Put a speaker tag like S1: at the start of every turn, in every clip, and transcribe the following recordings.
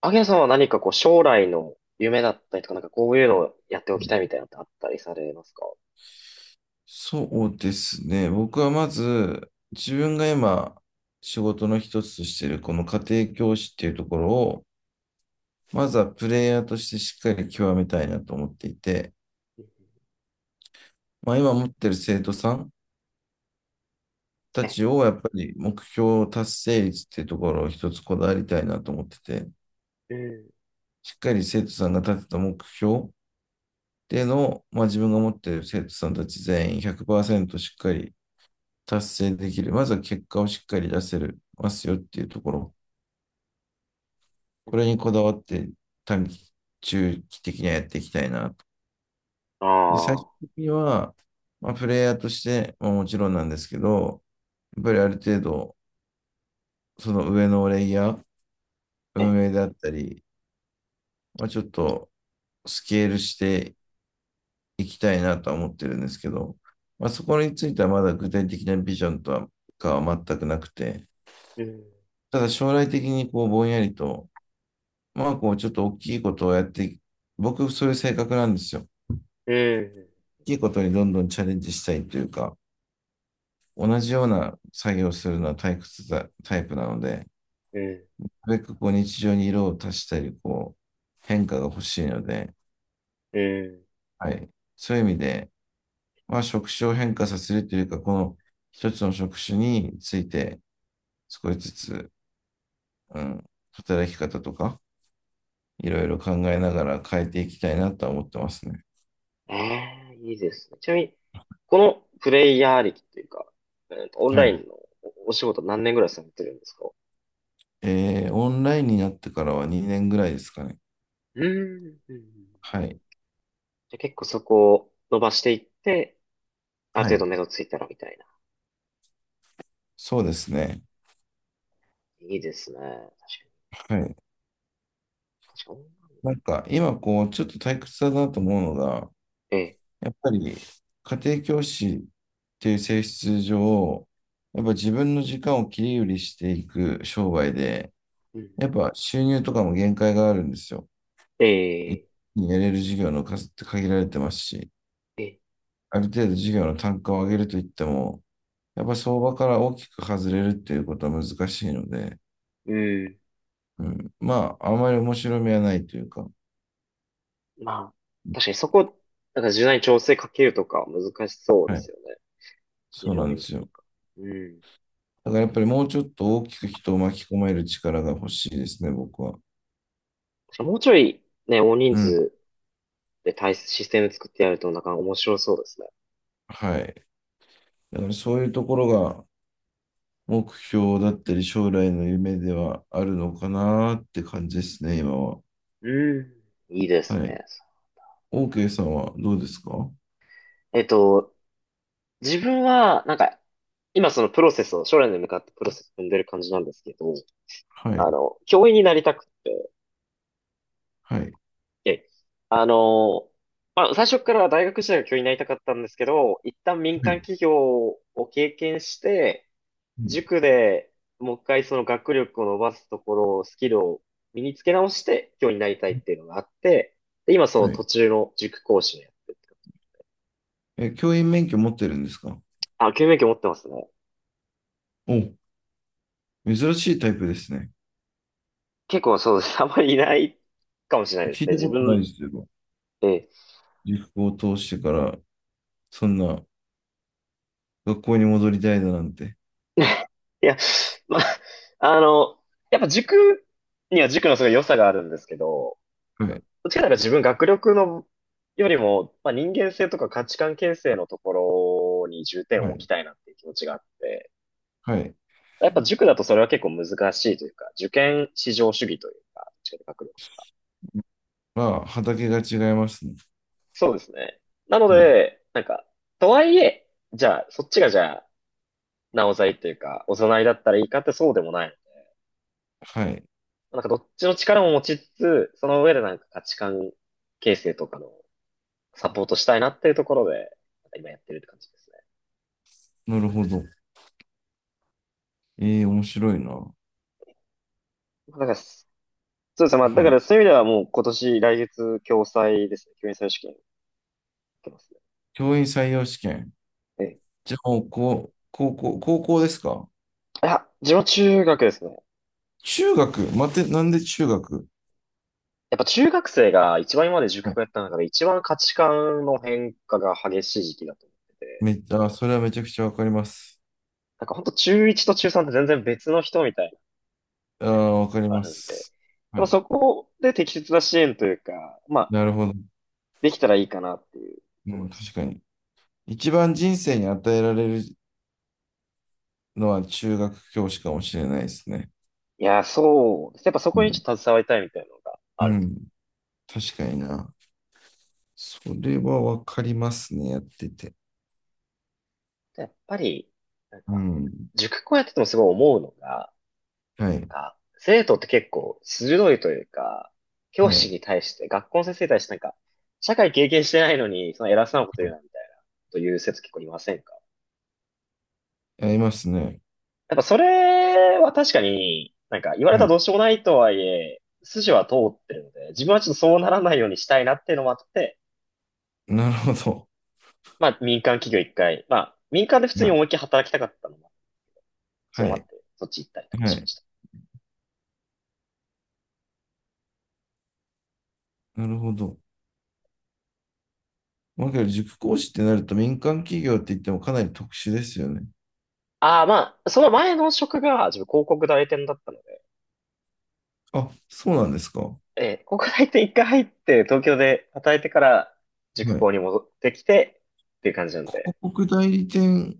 S1: アゲさんは何かこう将来の夢だったりとか、なんかこういうのをやってお
S2: は
S1: きた
S2: い。
S1: いみたいなのってあったりされますか？
S2: そうですね。僕はまず、自分が今、仕事の一つとしている、この家庭教師っていうところを、まずはプレイヤーとしてしっかり極めたいなと思っていて、まあ、今持ってる生徒さんた
S1: え、
S2: ちを、やっぱり目標達成率っていうところを一つこだわりたいなと思ってて、
S1: うん、
S2: しっかり生徒さんが立てた目標での、まあ、自分が持っている生徒さんたち全員100%しっかり達成できる。まずは結果をしっかり出せるますよっていうところ。これにこだわって短期、中期的にはやっていきたいなと。で、最終
S1: あ
S2: 的には、まあ、プレイヤーとして、まあ、もちろんなんですけど、やっぱりある程度、その上のレイヤー、
S1: あ、え、
S2: 運営であったり、まあ、ちょっとスケールしていきたいなとは思ってるんですけど、まあ、そこについてはまだ具体的なビジョンとはかは全くなくて、
S1: うん、
S2: ただ将来的にこうぼんやりと、まあこうちょっと大きいことをやって、僕そういう性格なんですよ。大
S1: うん、
S2: きいことにどんどんチャレンジしたいというか、同じような作業をするのは退屈だタイプなので、
S1: うん、
S2: なるべくこう日常に色を足したり、こう変化が欲しいので、
S1: うん。
S2: はい。そういう意味で、まあ職種を変化させるというか、この一つの職種について少しずつ、うん、働き方とか、いろいろ考えながら変えていきたいなとは思ってますね。
S1: ええ、いいですね。ちなみに、このプレイヤー歴というか、オン
S2: は
S1: ライ
S2: い。
S1: ンのお仕事何年ぐらいされてるんですか？
S2: オンラインになってからは2年ぐらいですかね。
S1: うん、うん、うんうん。
S2: は
S1: じ
S2: い。
S1: ゃあ結構そこを伸ばしていって、ある
S2: は
S1: 程度
S2: い。
S1: 目処ついたらみたいな。
S2: そうですね。
S1: いいですね。確か
S2: はい。
S1: に、確かに。
S2: なんか、今、こう、ちょっと退屈だなと思うのが、
S1: ええ。
S2: やっぱり、家庭教師っていう性質上、やっぱ自分の時間を切り売りしていく商売で、
S1: うん。
S2: やっぱ収入とかも限界があるんですよ。一
S1: ええ。
S2: 気にやれる事業の数って限られてますし、
S1: で、
S2: ある程度事業の単価を上げるといっても、やっぱ相場から大きく外れるっていうことは難しいので、
S1: うん。
S2: うん、まあ、あまり面白みはないというか、
S1: まあ、確かにそこ、なんか柔軟に調整かけるとかは難しそうで
S2: は
S1: す
S2: い、
S1: よね。非
S2: そう
S1: 常
S2: なん
S1: にとい
S2: です
S1: う
S2: よ。
S1: か。うん。
S2: だからやっぱりもうちょっと大きく人を巻き込める力が欲しいですね、僕は。
S1: 確かにもうちょい、ね、大人
S2: うん、
S1: 数で対システム作ってやるとなんか面白そうですね。
S2: はい。だからそういうところが目標だったり将来の夢ではあるのかなって感じですね、今は。
S1: うん。いいです
S2: はい。
S1: ね。
S2: OK さんはどうですか？
S1: えっと、自分は、なんか、今そのプロセスを、将来に向かってプロセスを踏んでる感じなんですけど、
S2: はい、
S1: あの、教員になりたくて、
S2: はい、
S1: え、あの、まあ、最初から大学時代は教員になりたかったんですけど、一旦民
S2: は
S1: 間
S2: い、
S1: 企業を経験して、
S2: うん、
S1: 塾でもう一回その学力を伸ばすところを、スキルを身につけ直して教員になりたいっていうのがあって、で、今その
S2: は
S1: 途
S2: い。
S1: 中の塾講師をやってるって感じ。
S2: え、教員免許持ってるんですか？
S1: あ、教員免許持ってますね。
S2: お、珍しいタイプですね。
S1: 結構そうです。あんまりいないかもしれないです
S2: 聞い
S1: ね。
S2: た
S1: 自
S2: ことない
S1: 分、
S2: ですよ。
S1: ええ。
S2: 塾を通してから、そんな学校に戻りたいだなんて。
S1: いや、まあ、あの、やっぱ塾には塾のすごい良さがあるんですけど、
S2: はい、
S1: どっちかというとな自分学力のよりも、まあ、人間性とか価値観形成のところに重点
S2: は
S1: を置
S2: い、
S1: きたいなっていう気持ちがあって、
S2: はい。
S1: やっぱ塾だとそれは結構難しいというか、受験至上主義というか、どっちかというと学力と。
S2: まあ、畑が違いますね。
S1: そうですね。なの
S2: はい、
S1: で、なんか、とはいえ、じゃあ、そっちがじゃあ、なおざいというか、おざなりだったらいいかってそうでもない。
S2: はい。
S1: なんかどっちの力も持ちつつ、その上でなんか価値観形成とかのサポートしたいなっていうところで、なんか今やってるって感じですね。
S2: なるほど。ええ、面白いな。
S1: なんかそうですね。まあ、だか
S2: はい。
S1: らそういう意味ではもう今年、来月、共済ですね。教員採用試験受けますね。
S2: 教員採用試験。
S1: ええ。
S2: じゃあ、もう、こう、高校、高校ですか？
S1: いや、自分は中学ですね。
S2: 中学待って、なんで中学？
S1: やっぱ中学生が一番今まで塾
S2: はい。
S1: をやった中で一番価値観の変化が激しい時期だと思ってて、
S2: めっちゃ、あそれはめちゃくちゃわかります。
S1: なんか本当中1と中3って全然別の人みたいな
S2: ああ、わ
S1: と
S2: かり
S1: こあ
S2: ま
S1: るんで、やっ
S2: す。は
S1: ぱ
S2: い。
S1: そこで適切な支援というか、まあ、
S2: なるほど。
S1: できたらいいかなっていう
S2: う
S1: ところ
S2: ん、
S1: です。
S2: 確かに。一番人生に与えられるのは中学教師かもしれないですね。
S1: いや、そうです。やっぱそ
S2: う
S1: こにち
S2: ん。
S1: ょっと携わりたいみたいなのが
S2: う
S1: ある。
S2: ん。確かにな。それはわかりますね。やってて。
S1: でやっぱり、なん
S2: う
S1: か、
S2: ん。
S1: 塾校やっててもすごい思うのが、
S2: はい。
S1: 生徒って結構鋭いというか、教
S2: は
S1: 師
S2: い。
S1: に対して、学校の先生に対してなんか、社会経験してないのに、その偉そうなこと言うな、みたいな、という生徒結構いませんか？
S2: やりますね。
S1: やっぱそれは確かに、なんか言われた
S2: は
S1: らど
S2: い。
S1: うしようもないとはいえ、筋は通ってるので、自分はちょっとそうならないようにしたいなっていうのもあって、
S2: なるほど。
S1: まあ民間企業一回、まあ民間で普通
S2: は
S1: に
S2: い。
S1: 思いっきり働きたかったのも、それ
S2: は
S1: もあっ
S2: い。
S1: て、そっち行ったりとか
S2: は
S1: しま
S2: い。
S1: した。
S2: なるほど。まあ、けど塾講師ってなると民間企業って言ってもかなり特殊ですよね。
S1: ああ、まあ、その前の職が自分広告代理店だったので、
S2: あ、そうなんですか。は
S1: 高校入って一回入って、東京で働いてから塾校に
S2: い。
S1: 戻ってきて、っていう感じなんで。
S2: 広告代理店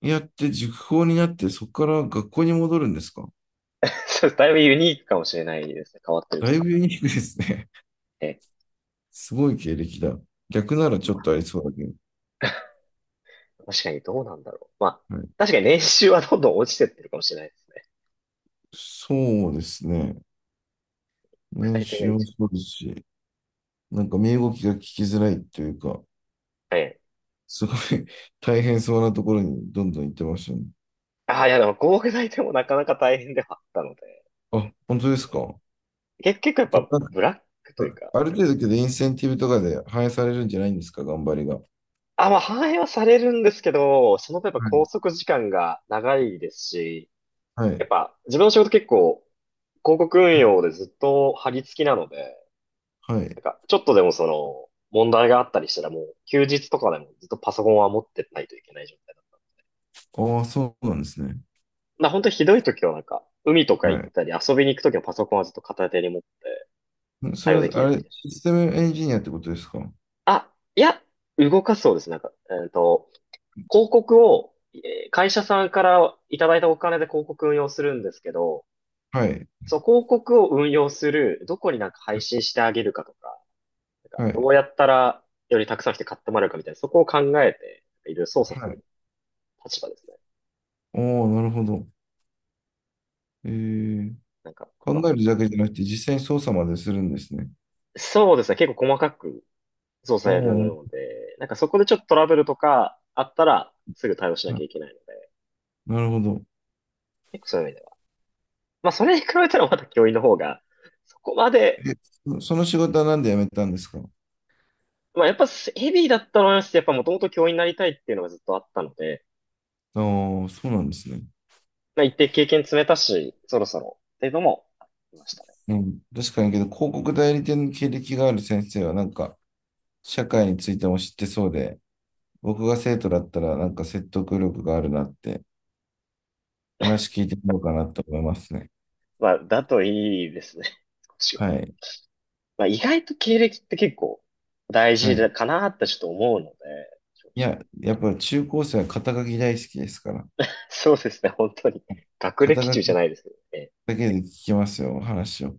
S2: やって塾講になって、そこから学校に戻るんですか？
S1: そうだいぶユニークかもしれないですね。変わってる
S2: だ
S1: とい
S2: い
S1: う
S2: ぶ
S1: か。
S2: ユニークですね。
S1: え
S2: すごい経歴だ。逆ならち
S1: ま
S2: ょっ
S1: あ
S2: とありそうだけど。
S1: 確かにどうなんだろう。まあ、
S2: はい、
S1: 確かに年収はどんどん落ちてってるかもしれないですね。
S2: そうですね。
S1: 国
S2: 年
S1: 際点が
S2: 収
S1: 一
S2: も
S1: 応。
S2: そうですし、なんか身動きが聞きづらいというか、
S1: え
S2: すごい 大変そうなところにどんどん行ってましたね。
S1: ああ、いやでも国際点もなかなか大変ではあったので。
S2: あ、本当ですか。
S1: 結構やっ
S2: で、
S1: ぱ
S2: なんか
S1: ブラックというか、
S2: ある程度けどインセンティブとかで反映されるんじゃないんですか、頑張りが。は
S1: あ、まあ反映はされるんですけど、その分やっぱ拘束時間が長いですし、やっ
S2: い。
S1: ぱ自分の仕事結構広告運用でずっと張り付きなので、
S2: は
S1: な
S2: い。
S1: んか、ちょっとでもその、問題があったりしたらもう、休日とかでもずっとパソコンは持ってないといけない状態だ。
S2: ああ、そうなんですね。
S1: まあ本当にひどい時はなんか、海とか行っ
S2: は
S1: たり遊びに行く時のパソコンはずっと片手に持って
S2: い。そ
S1: 対
S2: れ
S1: 応でき
S2: は、
S1: る
S2: あ
S1: ようにみ
S2: れ、
S1: たい
S2: システムエンジニアってことですか？
S1: な。あ、いや、動かすそうです。なんか、広告を、会社さんからいただいたお金で広告運用するんですけど、
S2: はい。
S1: そう、広告を運用する、どこになんか配信してあげるかとか、なんか
S2: は
S1: ど
S2: い。
S1: うやったらよりたくさん来て買ってもらえるかみたいな、そこを考えて、いろいろ操作す
S2: は
S1: る
S2: い。
S1: 立場ですね。
S2: おお、なるほど。えー、
S1: なんか、
S2: 考
S1: まあ、
S2: えるだけじゃなくて実際に操作までするんですね。
S1: そうですね。結構細かく操
S2: お
S1: 作やる
S2: お、
S1: ので、なんかそこでちょっとトラブルとかあったら、すぐ対応しなき
S2: な、
S1: ゃいけないので、
S2: なるほど。
S1: 結構そういう意味では。まあ、それに比べたらまだ教員の方が、そこま
S2: え、
S1: で、
S2: その仕事はなんで辞めたんですか？
S1: まあ、やっぱヘビーだったのはありますし、やっぱもともと教員になりたいっていうのがずっとあったので、
S2: ああー、そうなんですね。
S1: まあ、一定経験積めたし、そろそろ、っていうのもありましたね。
S2: うん、確かにけど、広告代理店の経歴がある先生は、なんか、社会についても知ってそうで、僕が生徒だったら、なんか説得力があるなって、話聞いてみようかなと思いますね。
S1: まあ、だといいですね。少しは。
S2: はい。
S1: まあ、意外と経歴って結構大
S2: は
S1: 事だ
S2: い。
S1: かなってちょっと思うので、正
S2: いや、
S1: 直。
S2: やっぱり中高生は肩書き大好きですから、
S1: そうですね、本当に。学
S2: 肩
S1: 歴
S2: 書
S1: 中
S2: き
S1: じゃないですけどね。
S2: だけで聞きますよ、話を。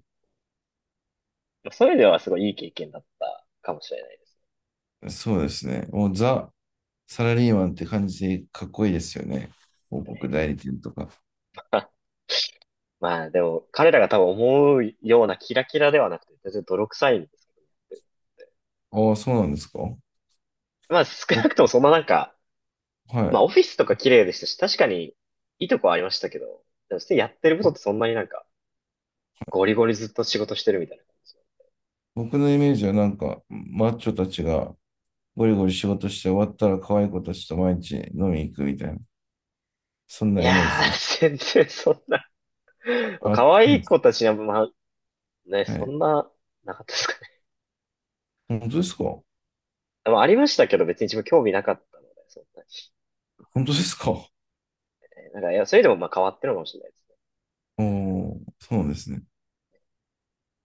S1: まあそういう意味ではすごいいい経験だったかもしれないです
S2: そうですね。もうザ・サラリーマンって感じでかっこいいですよね。広告
S1: ね。
S2: 代理店とか。
S1: まあでも、彼らが多分思うようなキラキラではなくて、全然泥臭いんですけど。
S2: ああ、そうなんですか。
S1: まあ少なくとも
S2: 僕、
S1: そんななんか、
S2: は
S1: まあ
S2: い。
S1: オフィスとか綺麗でしたし、確かにいいとこはありましたけど、でも普通にやってるこ
S2: ぼ
S1: とってそんなになんか、ゴリゴリずっと仕事してるみたいな感じ。
S2: 僕のイメージはなんか、マッチョたちがゴリゴリ仕事して終わったら可愛い子たちと毎日飲みに行くみたいな、そん
S1: い
S2: なイメー
S1: や
S2: ジです。
S1: ー、全然まあ
S2: あ、そ
S1: 可愛
S2: うで
S1: い
S2: す。
S1: 子たちには、まあ、ね、
S2: は
S1: そ
S2: い。
S1: んな、なかったですかね。
S2: 本当ですか？本
S1: まあ、ありましたけど、別に自分興味なかったので、そうなんです
S2: 当ですか？
S1: ねなんか、いや、それでもまあ変わってるのかもしれないです。
S2: おー、そうなんですね。